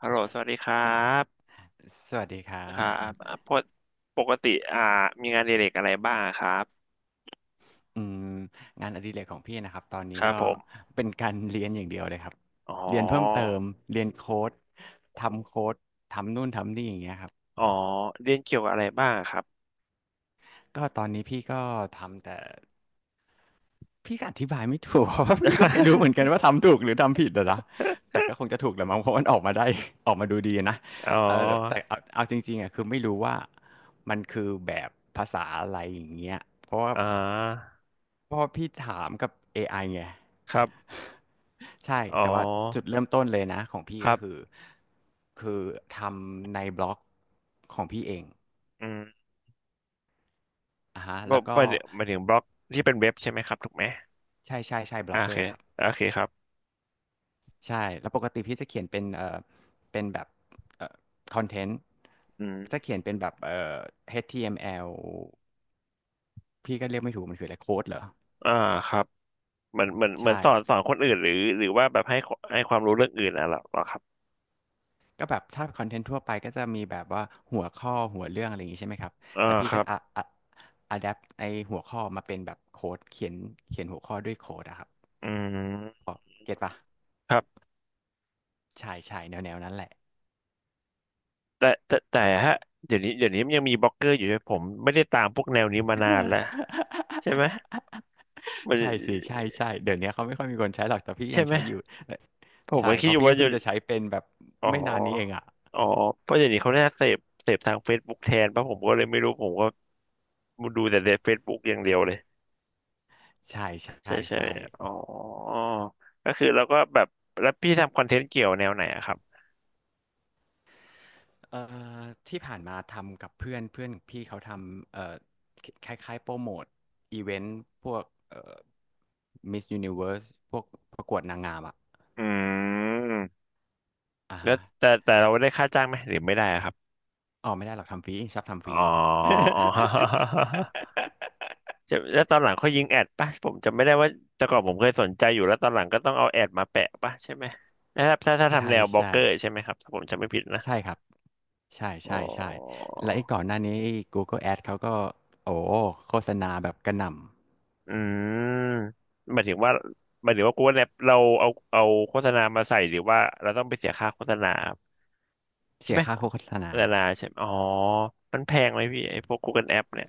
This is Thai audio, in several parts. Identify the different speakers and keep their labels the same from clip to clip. Speaker 1: ฮัลโหลสวัสดีครับ
Speaker 2: สวัสดีครั
Speaker 1: ค
Speaker 2: บ
Speaker 1: รับอ่าปกปกติอ่ามีงานอดิเรกอะไรบ้างครับ
Speaker 2: อืมงานอดิเรกของพี่นะครับตอนนี้
Speaker 1: ครั
Speaker 2: ก็
Speaker 1: บผม
Speaker 2: เป็นการเรียนอย่างเดียวเลยครับ
Speaker 1: อ๋อ
Speaker 2: เรียนเพิ่มเติมเรียนโค้ดทำโค้ดทำนู่นทำนี่อย่างเงี้ยครับ
Speaker 1: อ๋อเรียนเกี่ยวกับอะไรบ้างครับ
Speaker 2: ก็ตอนนี้พี่ก็ทำแต่ พี่ก็อธิบายไม่ถูก เพราะว่าพี่ก็ไม่รู้เหมือนกันว่าทำถูกหรือทำผิดอะนะแต่ ก็คงจะถูกแหละมั้งเพราะมันออกมาได้ ออกมาดูดีนะ
Speaker 1: อ๋อ
Speaker 2: เออแต่เอาจริงๆอะคือไม่รู้ว่ามันคือแบบภาษาอะไรอย่างเงี้ยเพราะว่า
Speaker 1: อ่า
Speaker 2: เพราะว่าพี่ถามกับ AI ไอไง
Speaker 1: ครับ
Speaker 2: ใช่
Speaker 1: อ๋อ
Speaker 2: แต่ว่าจุดเริ่มต้นเลยนะของพี่
Speaker 1: ครั
Speaker 2: ก็คือ
Speaker 1: บ
Speaker 2: คือทำในบล็อกของพี่เอง
Speaker 1: อืม
Speaker 2: อ่ะฮะ
Speaker 1: บล็
Speaker 2: แล้
Speaker 1: อ
Speaker 2: ว
Speaker 1: ก
Speaker 2: ก็
Speaker 1: หมายถึงบล็อกที่เป็นเว็บใช่ไหมครับถูกไหม
Speaker 2: ใช่บล็
Speaker 1: อ่า
Speaker 2: อก
Speaker 1: โอ
Speaker 2: เกอ
Speaker 1: เค
Speaker 2: ร์ครับ
Speaker 1: โอเคครับ
Speaker 2: ใช่แล้วปกติพี่จะเขียนเป็นเป็นแบบเอ่อคอนเทนต์
Speaker 1: อื
Speaker 2: จะ
Speaker 1: ม
Speaker 2: เขียนเป็นแบบHTML พี่ก็เรียกไม่ถูกมันคืออะไรโค้ดเหรอ
Speaker 1: อ่าครับเหมือน
Speaker 2: ใช่
Speaker 1: สอนคนอื่นหรือหรือว่าแบบให้ให้ความรู้เรื่องอื่นอ่ะเหรอครับ
Speaker 2: ก็แบบถ้าคอนเทนต์ทั่วไปก็จะมีแบบว่าหัวข้อหัวเรื่องอะไรอย่างนี้ใช่ไหมครับ
Speaker 1: อ่า
Speaker 2: แต่พี่
Speaker 1: ค
Speaker 2: ก็
Speaker 1: รับ
Speaker 2: อะอะแดปไอหัวข้อมาเป็นแบบโค้ดเขียนเขียนหัวข้อด้วยโค้ดอะครับ
Speaker 1: อืม
Speaker 2: เก็ตปะ
Speaker 1: ครับ
Speaker 2: ใช่แนวแนวนั้นแหละ
Speaker 1: แต่ฮะเดี๋ยวนี้มันยังมีบล็อกเกอร์อยู่ใช่ไหมผมไม่ได้ตามพวกแนวนี้มานานแล้ว ใช่ไหมมัน
Speaker 2: ใช่สิใช่เดี๋ยวนี้เขาไม่ค่อยมีคนใช้หรอกแต่พี่
Speaker 1: ใช่
Speaker 2: ยัง
Speaker 1: ไหม
Speaker 2: ใช้อยู่
Speaker 1: ผมก็
Speaker 2: ใช่
Speaker 1: คิ
Speaker 2: เพ
Speaker 1: ดอ
Speaker 2: ราะ
Speaker 1: ยู่
Speaker 2: พี่
Speaker 1: ว่า
Speaker 2: ก็
Speaker 1: จะ
Speaker 2: เพิ่งจะใช้เป็นแบบ
Speaker 1: อ๋
Speaker 2: ไม่นานนี้เอง
Speaker 1: อ
Speaker 2: อ่ะ
Speaker 1: อ๋อเพราะเดี๋ยวนี้เขาน่าเสพทางเฟซบุ๊กแทนป่ะผมก็เลยไม่รู้ผมก็ดูแต่ในเฟซบุ๊กอย่างเดียวเลย
Speaker 2: ใช่ใช่
Speaker 1: ใช่ใช่
Speaker 2: ใช่
Speaker 1: อ๋อก็คือเราก็แบบแล้วพี่ทำคอนเทนต์เกี่ยวแนวไหนอะครับ
Speaker 2: เอ่อที่ผ่านมาทำกับเพื่อนเพื่อนพี่เขาทำคล้ายๆโปรโมทอีเวนต์พวกเอ่อมิสยูนิเวิร์สพวกประกวดนางงามอ่ะ
Speaker 1: อืม
Speaker 2: อ่า
Speaker 1: แล้ว
Speaker 2: ฮะ
Speaker 1: แต่แต่เราได้ค่าจ้างไหมหรือไม่ได้อะครับ
Speaker 2: อ๋อไม่ได้หรอกทำฟรีชอบทำฟ
Speaker 1: อ๋อ
Speaker 2: รี
Speaker 1: อ๋อ จะแล้วตอนหลังเขายิงแอดป่ะผมจำไม่ได้ว่าแต่ก่อนผมเคยสนใจอยู่แล้วตอนหลังก็ต้องเอาแอดมาแปะป่ะใช่ไหมนะครับถ้าทำ
Speaker 2: ใช่
Speaker 1: แนวบล็อก
Speaker 2: ใช่
Speaker 1: เกอร์ใช่ไหมครับถ้าผมจำไม่ผิดนะ
Speaker 2: ใช่ครับ ใช่
Speaker 1: อ๋อ
Speaker 2: ใช่ใช่และไอ้ก่อนหน้านี้ไอ้ Google Ads เขาก็โอ้โฆษณาแบบกระหน่ำ
Speaker 1: อืมหมายถึงว่ากูว่าแรปเราเอาโฆษณามาใส่หรือว่าเราต้องไปเสียค่าโฆษณาครับใช่
Speaker 2: เสีย
Speaker 1: ไหม
Speaker 2: ค่า
Speaker 1: โฆ
Speaker 2: โฆษณา
Speaker 1: ษณาใช่ไหมอ๋อมันแพงไหมพี่ไอ้พวก Google App เนี่ย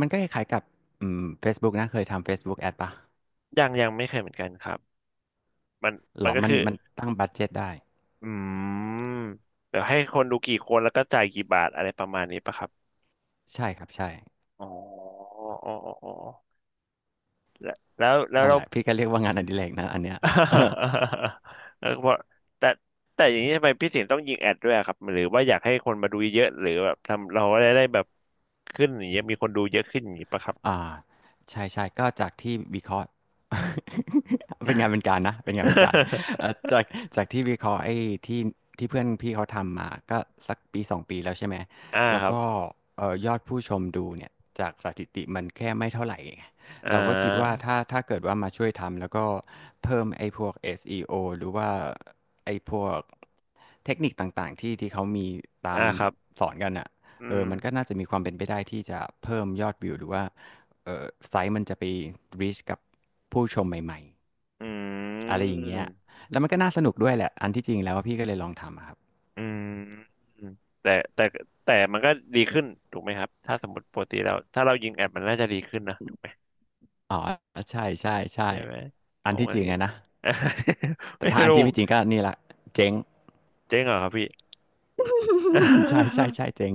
Speaker 2: มันก็คล้ายๆกับFacebook นะเคยทำ Facebook Ad ปะ
Speaker 1: ยังไม่เคยเหมือนกันครับมัน
Speaker 2: หร
Speaker 1: มัน
Speaker 2: อ
Speaker 1: ก็
Speaker 2: มัน
Speaker 1: คือ
Speaker 2: มันตั้งบัดเจ็ตได้
Speaker 1: อืมเดี๋ยวให้คนดูกี่คนแล้วก็จ่ายกี่บาทอะไรประมาณนี้ปะครับ
Speaker 2: ใช่ครับใช่
Speaker 1: อ๋ออ๋ออ๋อแล้ว
Speaker 2: นั่น
Speaker 1: เรา
Speaker 2: แหละพี่ก็เรียกว่างานอดิเรกนะอันเนี้ย
Speaker 1: แล้วก็บอกแต่แต่อย่างนี้ทำไมพี่ถึงต้องยิงแอดด้วยอะครับหรือว่าอยากให้คนมาดูเยอะๆหรือแบบทำเราได้แบบขึ้นอย่างเงี้ยมีคนดูเยอะขึ้นอย่างงี้ปะครับ
Speaker 2: อ่าใช่ก็จากที่วิเคราะห์ เป็นงานเป็นการนะเป็นงานเป็นการเอ่อจากจากที่วิเคราะห์ไอ้ที่ที่เพื่อนพี่เขาทำมาก็สักปีสองปีแล้วใช่ไหม
Speaker 1: อ่า
Speaker 2: แล้
Speaker 1: ค
Speaker 2: ว
Speaker 1: รับ
Speaker 2: ก็เอ่อยอดผู้ชมดูเนี่ยจากสถิติมันแค่ไม่เท่าไหร่ไง
Speaker 1: อ่
Speaker 2: เราก็คิดว่า
Speaker 1: า
Speaker 2: ถ้าเกิดว่ามาช่วยทำแล้วก็เพิ่มไอ้พวก SEO หรือว่าไอ้พวกเทคนิคต่างๆที่เขามีตา
Speaker 1: อ่า
Speaker 2: ม
Speaker 1: ครับ
Speaker 2: สอนกันอ่ะ
Speaker 1: อื
Speaker 2: เออ
Speaker 1: ม
Speaker 2: มันก็น่าจะมีความเป็นไปได้ที่จะเพิ่มยอดวิวหรือว่า เออไซต์มันจะไป reach กับผู้ชมใหม่
Speaker 1: อื
Speaker 2: ๆ อะไรอ
Speaker 1: ม
Speaker 2: ย่างเงี้ยแล้วมันก็น่าสนุกด้วยแหละอันที่จริงแล้วว่าพี่ก็เลยลองทำอะครับ
Speaker 1: อืมแต่แต่แต่มันก็ดีขึ้นถูกไหมครับถ้าสมมติปกติเราถ้าเรายิงแอดมันน่าจะดีขึ้นนะ
Speaker 2: อ๋อ ใช่
Speaker 1: ใช่ไหม
Speaker 2: อั
Speaker 1: ผ
Speaker 2: น
Speaker 1: ม
Speaker 2: ที่
Speaker 1: ก็อ
Speaker 2: จ
Speaker 1: ย่า
Speaker 2: ริ
Speaker 1: ง
Speaker 2: ง
Speaker 1: งี้
Speaker 2: อะนะ แต่
Speaker 1: ไม่
Speaker 2: ถ้าอัน
Speaker 1: รู้
Speaker 2: ที่
Speaker 1: ผม
Speaker 2: ไม่จริงก็นี่แหละเจ๊ง
Speaker 1: เจ๊งเหรอครับพี่
Speaker 2: ใช่ใช่ ใช่เจ๊ง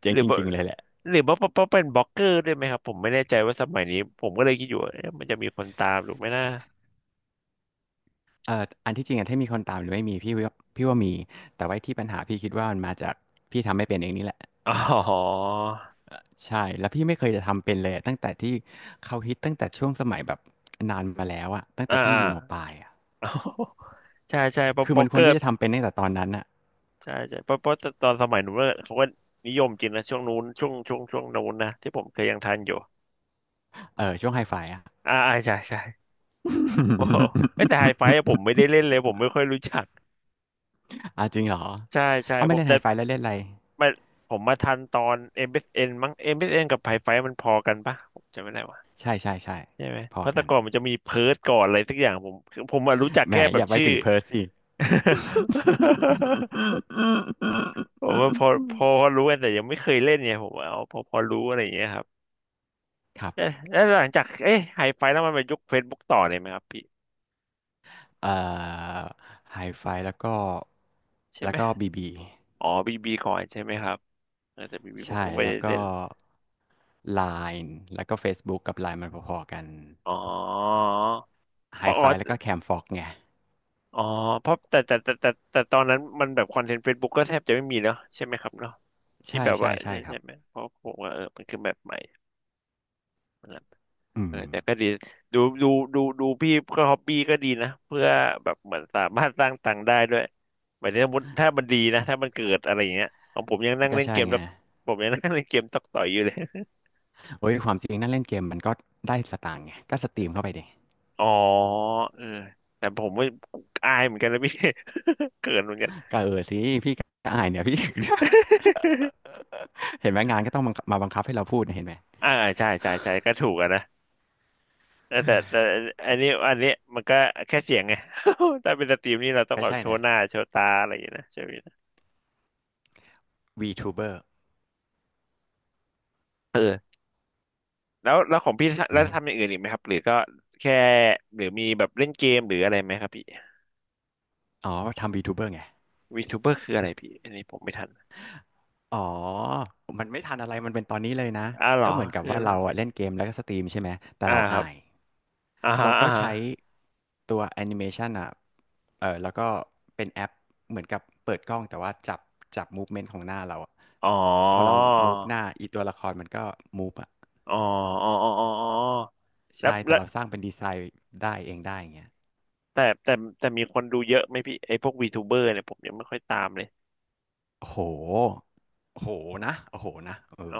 Speaker 2: เจ๊
Speaker 1: ห
Speaker 2: ง
Speaker 1: รือ
Speaker 2: จ
Speaker 1: ว่า
Speaker 2: ริงๆเลยแหละ
Speaker 1: เพราะเป็นบล็อกเกอร์ด้วยไหมครับผมไม่แน่ใจว่าสมัยนี้ผมก็เลยคิดอยู่ว่าเอ๊ะมันจะมีคนตามหรือไม่น่า
Speaker 2: เอ่ออันที่จริงอะถ้ามีคนตามหรือไม่มีพี่ว่ามี แต่ว่าที่ปัญหาพี่คิดว่ามันมาจากพี่ทำไม่เป็นเองนี่แหละ
Speaker 1: อ๋อ
Speaker 2: ใช่แล้วพี่ไม่เคยจะทำเป็นเลยตั้งแต่ที่เขาฮิตตั้งแต่ช่วงสมัยแบบนานมาแล้วอะตั้งแต่
Speaker 1: อ่า
Speaker 2: พี่
Speaker 1: อ่า
Speaker 2: อยู่มปลายอะ
Speaker 1: ใช่ใช่เพราะ
Speaker 2: คือ
Speaker 1: บล็อ
Speaker 2: มัน
Speaker 1: ก
Speaker 2: ค
Speaker 1: เก
Speaker 2: ว
Speaker 1: อ
Speaker 2: ร
Speaker 1: ร์
Speaker 2: ที่จะทำเป็นตั้งแต่ตอนนั้นอะ
Speaker 1: ใช่ใช่เพราะตอนสมัยนู้นเนี่ยเขาก็นิยมจริงนะช่วงนู้นช่วงนู้นนะที่ผมเคยยังทันอยู่
Speaker 2: เออช่วงไฮไฟอะ
Speaker 1: อ่าอ่าใช่ใช่ โอ้โหเอ้ยแต่ไฮไฟอะผมไม่ได้ เล่นเลยผมไม่ค่อยรู้จัก
Speaker 2: อาจริงเหรอ
Speaker 1: ใช่ใช่
Speaker 2: เอา
Speaker 1: ผ
Speaker 2: ไม่
Speaker 1: ม
Speaker 2: เล่น
Speaker 1: แต่
Speaker 2: ไฮไฟแล้วเล่นอะไร
Speaker 1: ไม่ผมมาทันตอน อ็มเอสเอ็นมั้งเอ s n กับไฮไฟมันพอกันปะผมจำไม่ได้ว่ะ
Speaker 2: ใช่
Speaker 1: ใช่ไหม
Speaker 2: พ
Speaker 1: เพ
Speaker 2: อ
Speaker 1: ราะแต่
Speaker 2: กัน
Speaker 1: ก่อนมันจะมีเพิร์ทก่อนอะไรสักอย่างผมคือผมอะรู้จัก
Speaker 2: แหม
Speaker 1: แค่แบ
Speaker 2: อ
Speaker 1: บ
Speaker 2: ย่าไป
Speaker 1: ชื่อ
Speaker 2: ถึงเพิร์สสิ
Speaker 1: ผมว่าพอรู้กันแต่ยังไม่เคยเล่นไงผมว่าเอาพอรู้อะไรอย่างเงี้ยครับ
Speaker 2: ครั
Speaker 1: เอ๊ะ
Speaker 2: บ
Speaker 1: แล้วหลังจากเอ๊ะไฮไฟแล้วมันไปยุคเฟซบุ๊กต่อเลยไหมครับพี่
Speaker 2: เอ่อไฮไฟแล้วก็
Speaker 1: ใช่
Speaker 2: แล้
Speaker 1: ไหม
Speaker 2: วก็บีบี
Speaker 1: อ๋อบีบีก่อนใช่ไหมครับเออแต่บีบีผม
Speaker 2: ใช่
Speaker 1: ก็ไม่
Speaker 2: แล้ว
Speaker 1: ได้
Speaker 2: ก็
Speaker 1: เล่น
Speaker 2: Line แล้วก็ Facebook กับ Line มันพอๆกัน
Speaker 1: อ๋อ
Speaker 2: ไฮ
Speaker 1: อ๋
Speaker 2: ไฟแล้วก็
Speaker 1: อ
Speaker 2: แคมฟ็อกไง
Speaker 1: อ๋อเพราะแต่แต่แต่แต่แต่ตอนนั้นมันแบบคอนเทนต์เฟซบุ๊กก็แทบจะไม่มีแล้วใช่ไหมครับเนาะที่
Speaker 2: ใช่
Speaker 1: แบบว่า
Speaker 2: ใช่ใช่
Speaker 1: ใช่
Speaker 2: ครั
Speaker 1: ใช่
Speaker 2: บ
Speaker 1: ไหมเพราะผมว่าเออมันคือแบบใหม่มันแบบ
Speaker 2: อื
Speaker 1: เอ
Speaker 2: ม
Speaker 1: อแต่ก็ดีดูดูดูพี่ก็ฮอบบี้ก็ดีนะเพื่อแบบเหมือนสามารถสร้างตังค์ได้ด้วยหมายถึงสมมติถ้ามันดีนะถ้ามันเกิดอะไรอย่างเงี้ยของผมยังนั่ง
Speaker 2: ก็
Speaker 1: เล่นเก
Speaker 2: ใช่
Speaker 1: ม
Speaker 2: ไง
Speaker 1: แล้วผมยังนั่งเล่นเกมตอกต่อยอยู่เลย
Speaker 2: โอ้ย ความจริงนั่นเล่นเกมมันก็ได้สตางค์ไง ก็สตรีมเข้าไปดิ
Speaker 1: อ๋อเออแต่ผมไม่อายเหมือนกันนะพี่ เขินเหมือนกัน
Speaker 2: ก็เออสิ พี่ก็อายเนี่ยพี่ ถึง เห็นไหมงานก็ต้องบังคับมาบังคับให้เราพูดเนี่ยเห็นไหม
Speaker 1: อ่าใช่ใช่ใช่ก็ถูกอะนะ แต่อันนี้มันก็แค่เสียงไง ถ้าเป็นสตรีมนี่เราต้อง
Speaker 2: ก็
Speaker 1: แบบ
Speaker 2: ใช่
Speaker 1: โช
Speaker 2: นะ
Speaker 1: ว์หน้าโชว์ตาอะไรอย่างเงี้ยนะใช่ไหมนะ
Speaker 2: VTuber
Speaker 1: เออแล้วของพี่แล้
Speaker 2: อื
Speaker 1: ว
Speaker 2: ม
Speaker 1: ทำอย่างอื่นอีกไหมครับหรือก็แค่หรือมีแบบเล่นเกมหรืออะไรไหมครับพี่
Speaker 2: อ๋อทำ VTuber ไง
Speaker 1: วีทูเบอร์คืออะไรพี่อันนี้ผมไม่ทัน
Speaker 2: อ๋อมันไม่ทันอะไรมันเป็นตอนนี้เลยนะ
Speaker 1: อ่าวเหรอ
Speaker 2: ก็เหมือนกับ
Speaker 1: คือ
Speaker 2: ว่า
Speaker 1: อะไร
Speaker 2: เราอะเล่น
Speaker 1: พี่
Speaker 2: เกมแล้วก็สตรีมใช่ไหม แต่
Speaker 1: อ่า
Speaker 2: เรา
Speaker 1: ครับ
Speaker 2: อาย
Speaker 1: อ่าฮะ
Speaker 2: เราก็
Speaker 1: อ่าฮะ
Speaker 2: ใช้ตัวแอนิเมชันอ่ะ เออ แล้วก็เป็นแอปเหมือนกับเปิดกล้องแต่ว่าจับจับมูฟเมนต์ของหน้าเราอะ
Speaker 1: อ๋อ
Speaker 2: พอเรามูฟหน้าอีตัวละครมันก็มูฟอ่ะ
Speaker 1: อ๋ออ๋ออ๋ออ๋ออ๋อแล้ว
Speaker 2: ใช่ แต่
Speaker 1: แล้ว
Speaker 2: เราสร้างเป็นดีไซน์ได้เองได้อย่างเงี้ย
Speaker 1: แต่แต่แต่มีคนดูเยอะไหมพี่ไอ้พวกวีทูเบอร์เนี่ยผมยังไม่ค่อยตามเลย
Speaker 2: โอ้โหโอ้โหนะโอ้โหนะเอ
Speaker 1: อ๋อ
Speaker 2: อ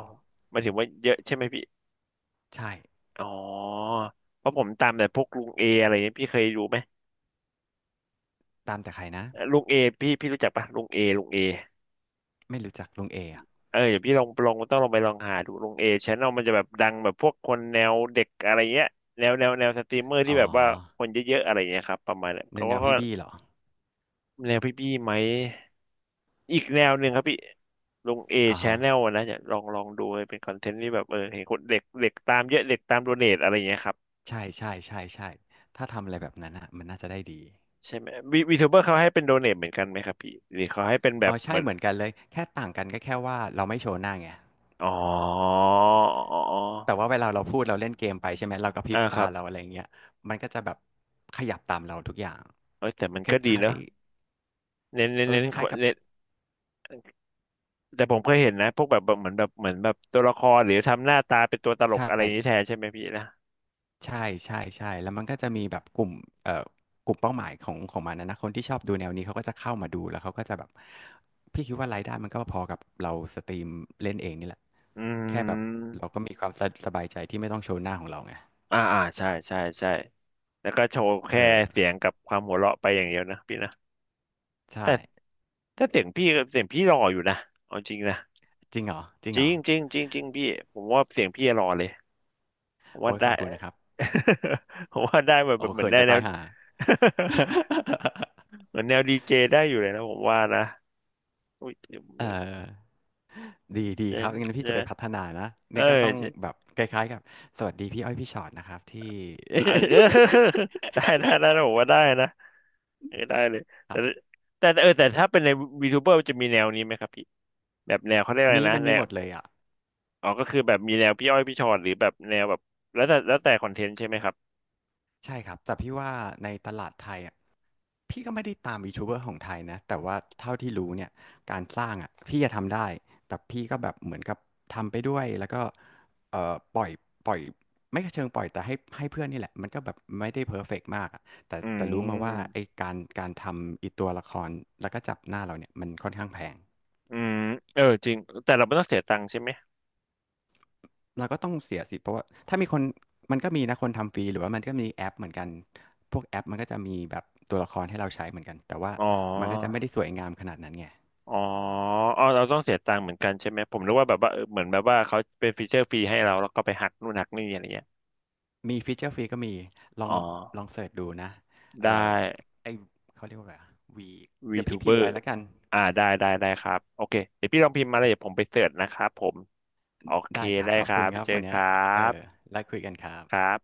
Speaker 1: หมายถึงว่าเยอะใช่ไหมพี่
Speaker 2: ใช่
Speaker 1: อ๋อเพราะผมตามแต่พวกลุงเออะไรเงี้ยพี่เคยรู้ไหม
Speaker 2: ตามแต่ใครนะ
Speaker 1: ลุงเอพี่รู้จักปะลุงเอลุงเอ
Speaker 2: ไม่รู้จักลุงเออะ
Speaker 1: เออเดี๋ยวพี่ลองลองต้องลองไปลองหาดูลุงเอชแนลมันจะแบบดังแบบพวกคนแนวเด็กอะไรเงี้ยแนวสตรีมเมอร์
Speaker 2: อ๋อ
Speaker 1: ที่แบบว่าคนเยอะๆอะไรเงี้ยครับประมาณเนี้ย
Speaker 2: ใน
Speaker 1: เขา
Speaker 2: แนว
Speaker 1: ก็
Speaker 2: พี่บี้เหรอ
Speaker 1: แนวพี่ไหมอีกแนวหนึ่งครับพี่ลุงเอ
Speaker 2: อ่า
Speaker 1: ช
Speaker 2: ฮะ
Speaker 1: แนลนะจะลองลองดูเป็นคอนเทนต์ที่แบบเออเห็นคนเด็กเด็กตามเยอะเด็กตามโดเนทอะไรเงี้ยครับ
Speaker 2: ใช่ใช่ใช่ใช่ถ้าทำอะไรแบบนั้นอ่ะมันน่าจะได้ดี
Speaker 1: ใช่ไหมวีทูเบอร์เขาให้เป็นโดเน a เหมือนกันไหมครับพี่หรือเขาให้เป็นแบ
Speaker 2: อ๋
Speaker 1: บ
Speaker 2: อ
Speaker 1: เห
Speaker 2: ใช่
Speaker 1: มือน
Speaker 2: เหมือนกันเลยแค่ต่างกันก็แค่ว่าเราไม่โชว์หน้าไง
Speaker 1: อ๋ออ๋ออ๋อ
Speaker 2: แต่ว่าเวลาเราพูดเราเล่นเกมไปใช่ไหมเรากระพริ
Speaker 1: อ่า
Speaker 2: บ
Speaker 1: ค
Speaker 2: ตา
Speaker 1: รับ
Speaker 2: เราอะไรเงี้ยมันก็จะแบบขยับตามเราทุกอย่าง
Speaker 1: เอ้ยแต่มัน
Speaker 2: คล
Speaker 1: ก็ดี
Speaker 2: ้า
Speaker 1: เน
Speaker 2: ย
Speaker 1: อะเน้น
Speaker 2: ๆ
Speaker 1: เน้น
Speaker 2: เออ
Speaker 1: เน้
Speaker 2: ค
Speaker 1: นค
Speaker 2: ล้ายๆ
Speaker 1: น
Speaker 2: กับ
Speaker 1: เน้นแต่ผมเคยเห็นนะ พวกแบบเหมือนแบบตัวละครหรือทำหน้าตาเป็นตัวตล
Speaker 2: ใช
Speaker 1: กอะไรอย่างนี้
Speaker 2: ่
Speaker 1: แทนใช่ไหมพี่นะ
Speaker 2: ใช่ใช่ใช่แล้วมันก็จะมีแบบกลุ่มเอ่อกลุ่มเป้าหมายของมันนะนะคนที่ชอบดูแนวนี้เขาก็จะเข้ามาดูแล้วเขาก็จะแบบพี่คิดว่ารายได้มันก็พอกับเราสตรีมเล่นเองนี่แหละ
Speaker 1: อื
Speaker 2: แค่แบบ
Speaker 1: ม
Speaker 2: เราก็มีความสสบายใจที่ไม่ต้องโชว์หน้าของเราไง
Speaker 1: อ่าอ่าใช่ใช่ใช่แล้วก็โชว์แค่
Speaker 2: เอ
Speaker 1: เสีย
Speaker 2: อ
Speaker 1: งกับความหัวเราะไปอย่างเดียวนะพี่นะแต่
Speaker 2: ใช่
Speaker 1: ถ้าเสียงพี่หล่ออยู่นะเอาจริงนะ
Speaker 2: จริงเหรอจริง
Speaker 1: จ
Speaker 2: เหร
Speaker 1: ริ
Speaker 2: อ
Speaker 1: งจริงจริงจริงพี่ผมว่าเสียงพี่หล่อเลยผม
Speaker 2: โอ้
Speaker 1: ว่า
Speaker 2: ยข
Speaker 1: ได้
Speaker 2: อบคุณนะครับ
Speaker 1: ผมว่าได้แบบ
Speaker 2: โอ้
Speaker 1: แบบเหมือ
Speaker 2: เขิ
Speaker 1: น
Speaker 2: น
Speaker 1: ได้
Speaker 2: จะ
Speaker 1: แล้
Speaker 2: ตา
Speaker 1: ว
Speaker 2: ยห่า
Speaker 1: เหมือนแนวดีเจได้อยู่เลยนะผมว่านะอุ้ย
Speaker 2: เออ
Speaker 1: ใช่
Speaker 2: ดีดี
Speaker 1: ใช่
Speaker 2: ครับงั้น
Speaker 1: ไห
Speaker 2: พี่
Speaker 1: ม
Speaker 2: จะไปพัฒนานะ
Speaker 1: เออ
Speaker 2: เนี่ยก็ต้องแบ
Speaker 1: ใช่
Speaker 2: บคล้ายๆกับสวัสดีพี่อ้อยพี่ชอตนะครับที่
Speaker 1: เออ ได้ได้ได้ นะผมว่าได้นะเออได้เลย
Speaker 2: ค
Speaker 1: แต่
Speaker 2: รับ
Speaker 1: แต่เออแต่ถ้าเป็นในวีทูเบอร์จะมีแนวนี้ไหมครับพี่แบบแนวเขาเรียกอะไร
Speaker 2: มี
Speaker 1: นะ
Speaker 2: มัน
Speaker 1: แน
Speaker 2: มีห
Speaker 1: ว
Speaker 2: มดเลยอ่ะ
Speaker 1: อ๋อก็คือแบบมีแนวพี่อ้อยพี่ชอนหรือแบบแนวแบบแล้วแต่คอนเทนต์ใช่ไหมครับ
Speaker 2: ใช่ครับแต่พี่ว่าในตลาดไทยอ่ะพี่ก็ไม่ได้ตามยูทูบเบอร์ของไทยนะแต่ว่าเท่าที่รู้เนี่ยการสร้างอ่ะพี่จะทำได้แต่พี่ก็แบบเหมือนกับทำไปด้วยแล้วก็ปล่อยปล่อยไม่เชิงปล่อยแต่ให้เพื่อนนี่แหละมันก็แบบไม่ได้เพอร์เฟกต์มากอะแต่
Speaker 1: อื
Speaker 2: แต่รู้มาว่า
Speaker 1: ม
Speaker 2: ไอ้การทำอีตัวละครแล้วก็จับหน้าเราเนี่ยมันค่อนข้างแพง
Speaker 1: อืมเออจริงแต่เราไม่ต้องเสียตังค์ใช่ไหม
Speaker 2: เราก็ต้องเสียสิเพราะว่าถ้ามีคนมันก็มีนะคนทำฟรีหรือว่ามันก็มีแอปเหมือนกันพวกแอปมันก็จะมีแบบตัวละครให้เราใช้เหมือนกันแต่ว่า
Speaker 1: อ๋อ
Speaker 2: มันก็จะไม่ได้สวยงามขนาดนั้นไง
Speaker 1: อ๋ออ๋อเราต้องเสียตังค์เหมือนกันใช่ไหม ผมนึกว่าแบบว่าเออเหมือนแบบว่าเขาเป็นฟีเจอร์ฟรีให้เราแล้วก็ไปหักนู่นหักนี่อะไรเงี้ย
Speaker 2: มีฟีเจอร์ฟรีก็มีลอ
Speaker 1: อ๋
Speaker 2: ง
Speaker 1: อ
Speaker 2: ลองเสิร์ชดูนะ
Speaker 1: ได้
Speaker 2: เอ่อไอเขาเรียกว่าอะไรวีเดี๋ยวพี่พิมพ์
Speaker 1: VTuber
Speaker 2: ไปแล้วกัน
Speaker 1: อ่าได้ได้ ได้ครับโอเคเดี๋ยวพี่ลองพิมพ์มาเลยเดี๋ยวผมไปเสิร์ชนะครับผม โอเค
Speaker 2: ได้ครับ
Speaker 1: ได้
Speaker 2: ขอบ
Speaker 1: ครั
Speaker 2: คุณ
Speaker 1: บ
Speaker 2: ครับ
Speaker 1: เจอ
Speaker 2: วัน
Speaker 1: ค
Speaker 2: เนี้ย
Speaker 1: รั
Speaker 2: เออ
Speaker 1: บ
Speaker 2: แล้วคุยกันครับ
Speaker 1: ครับ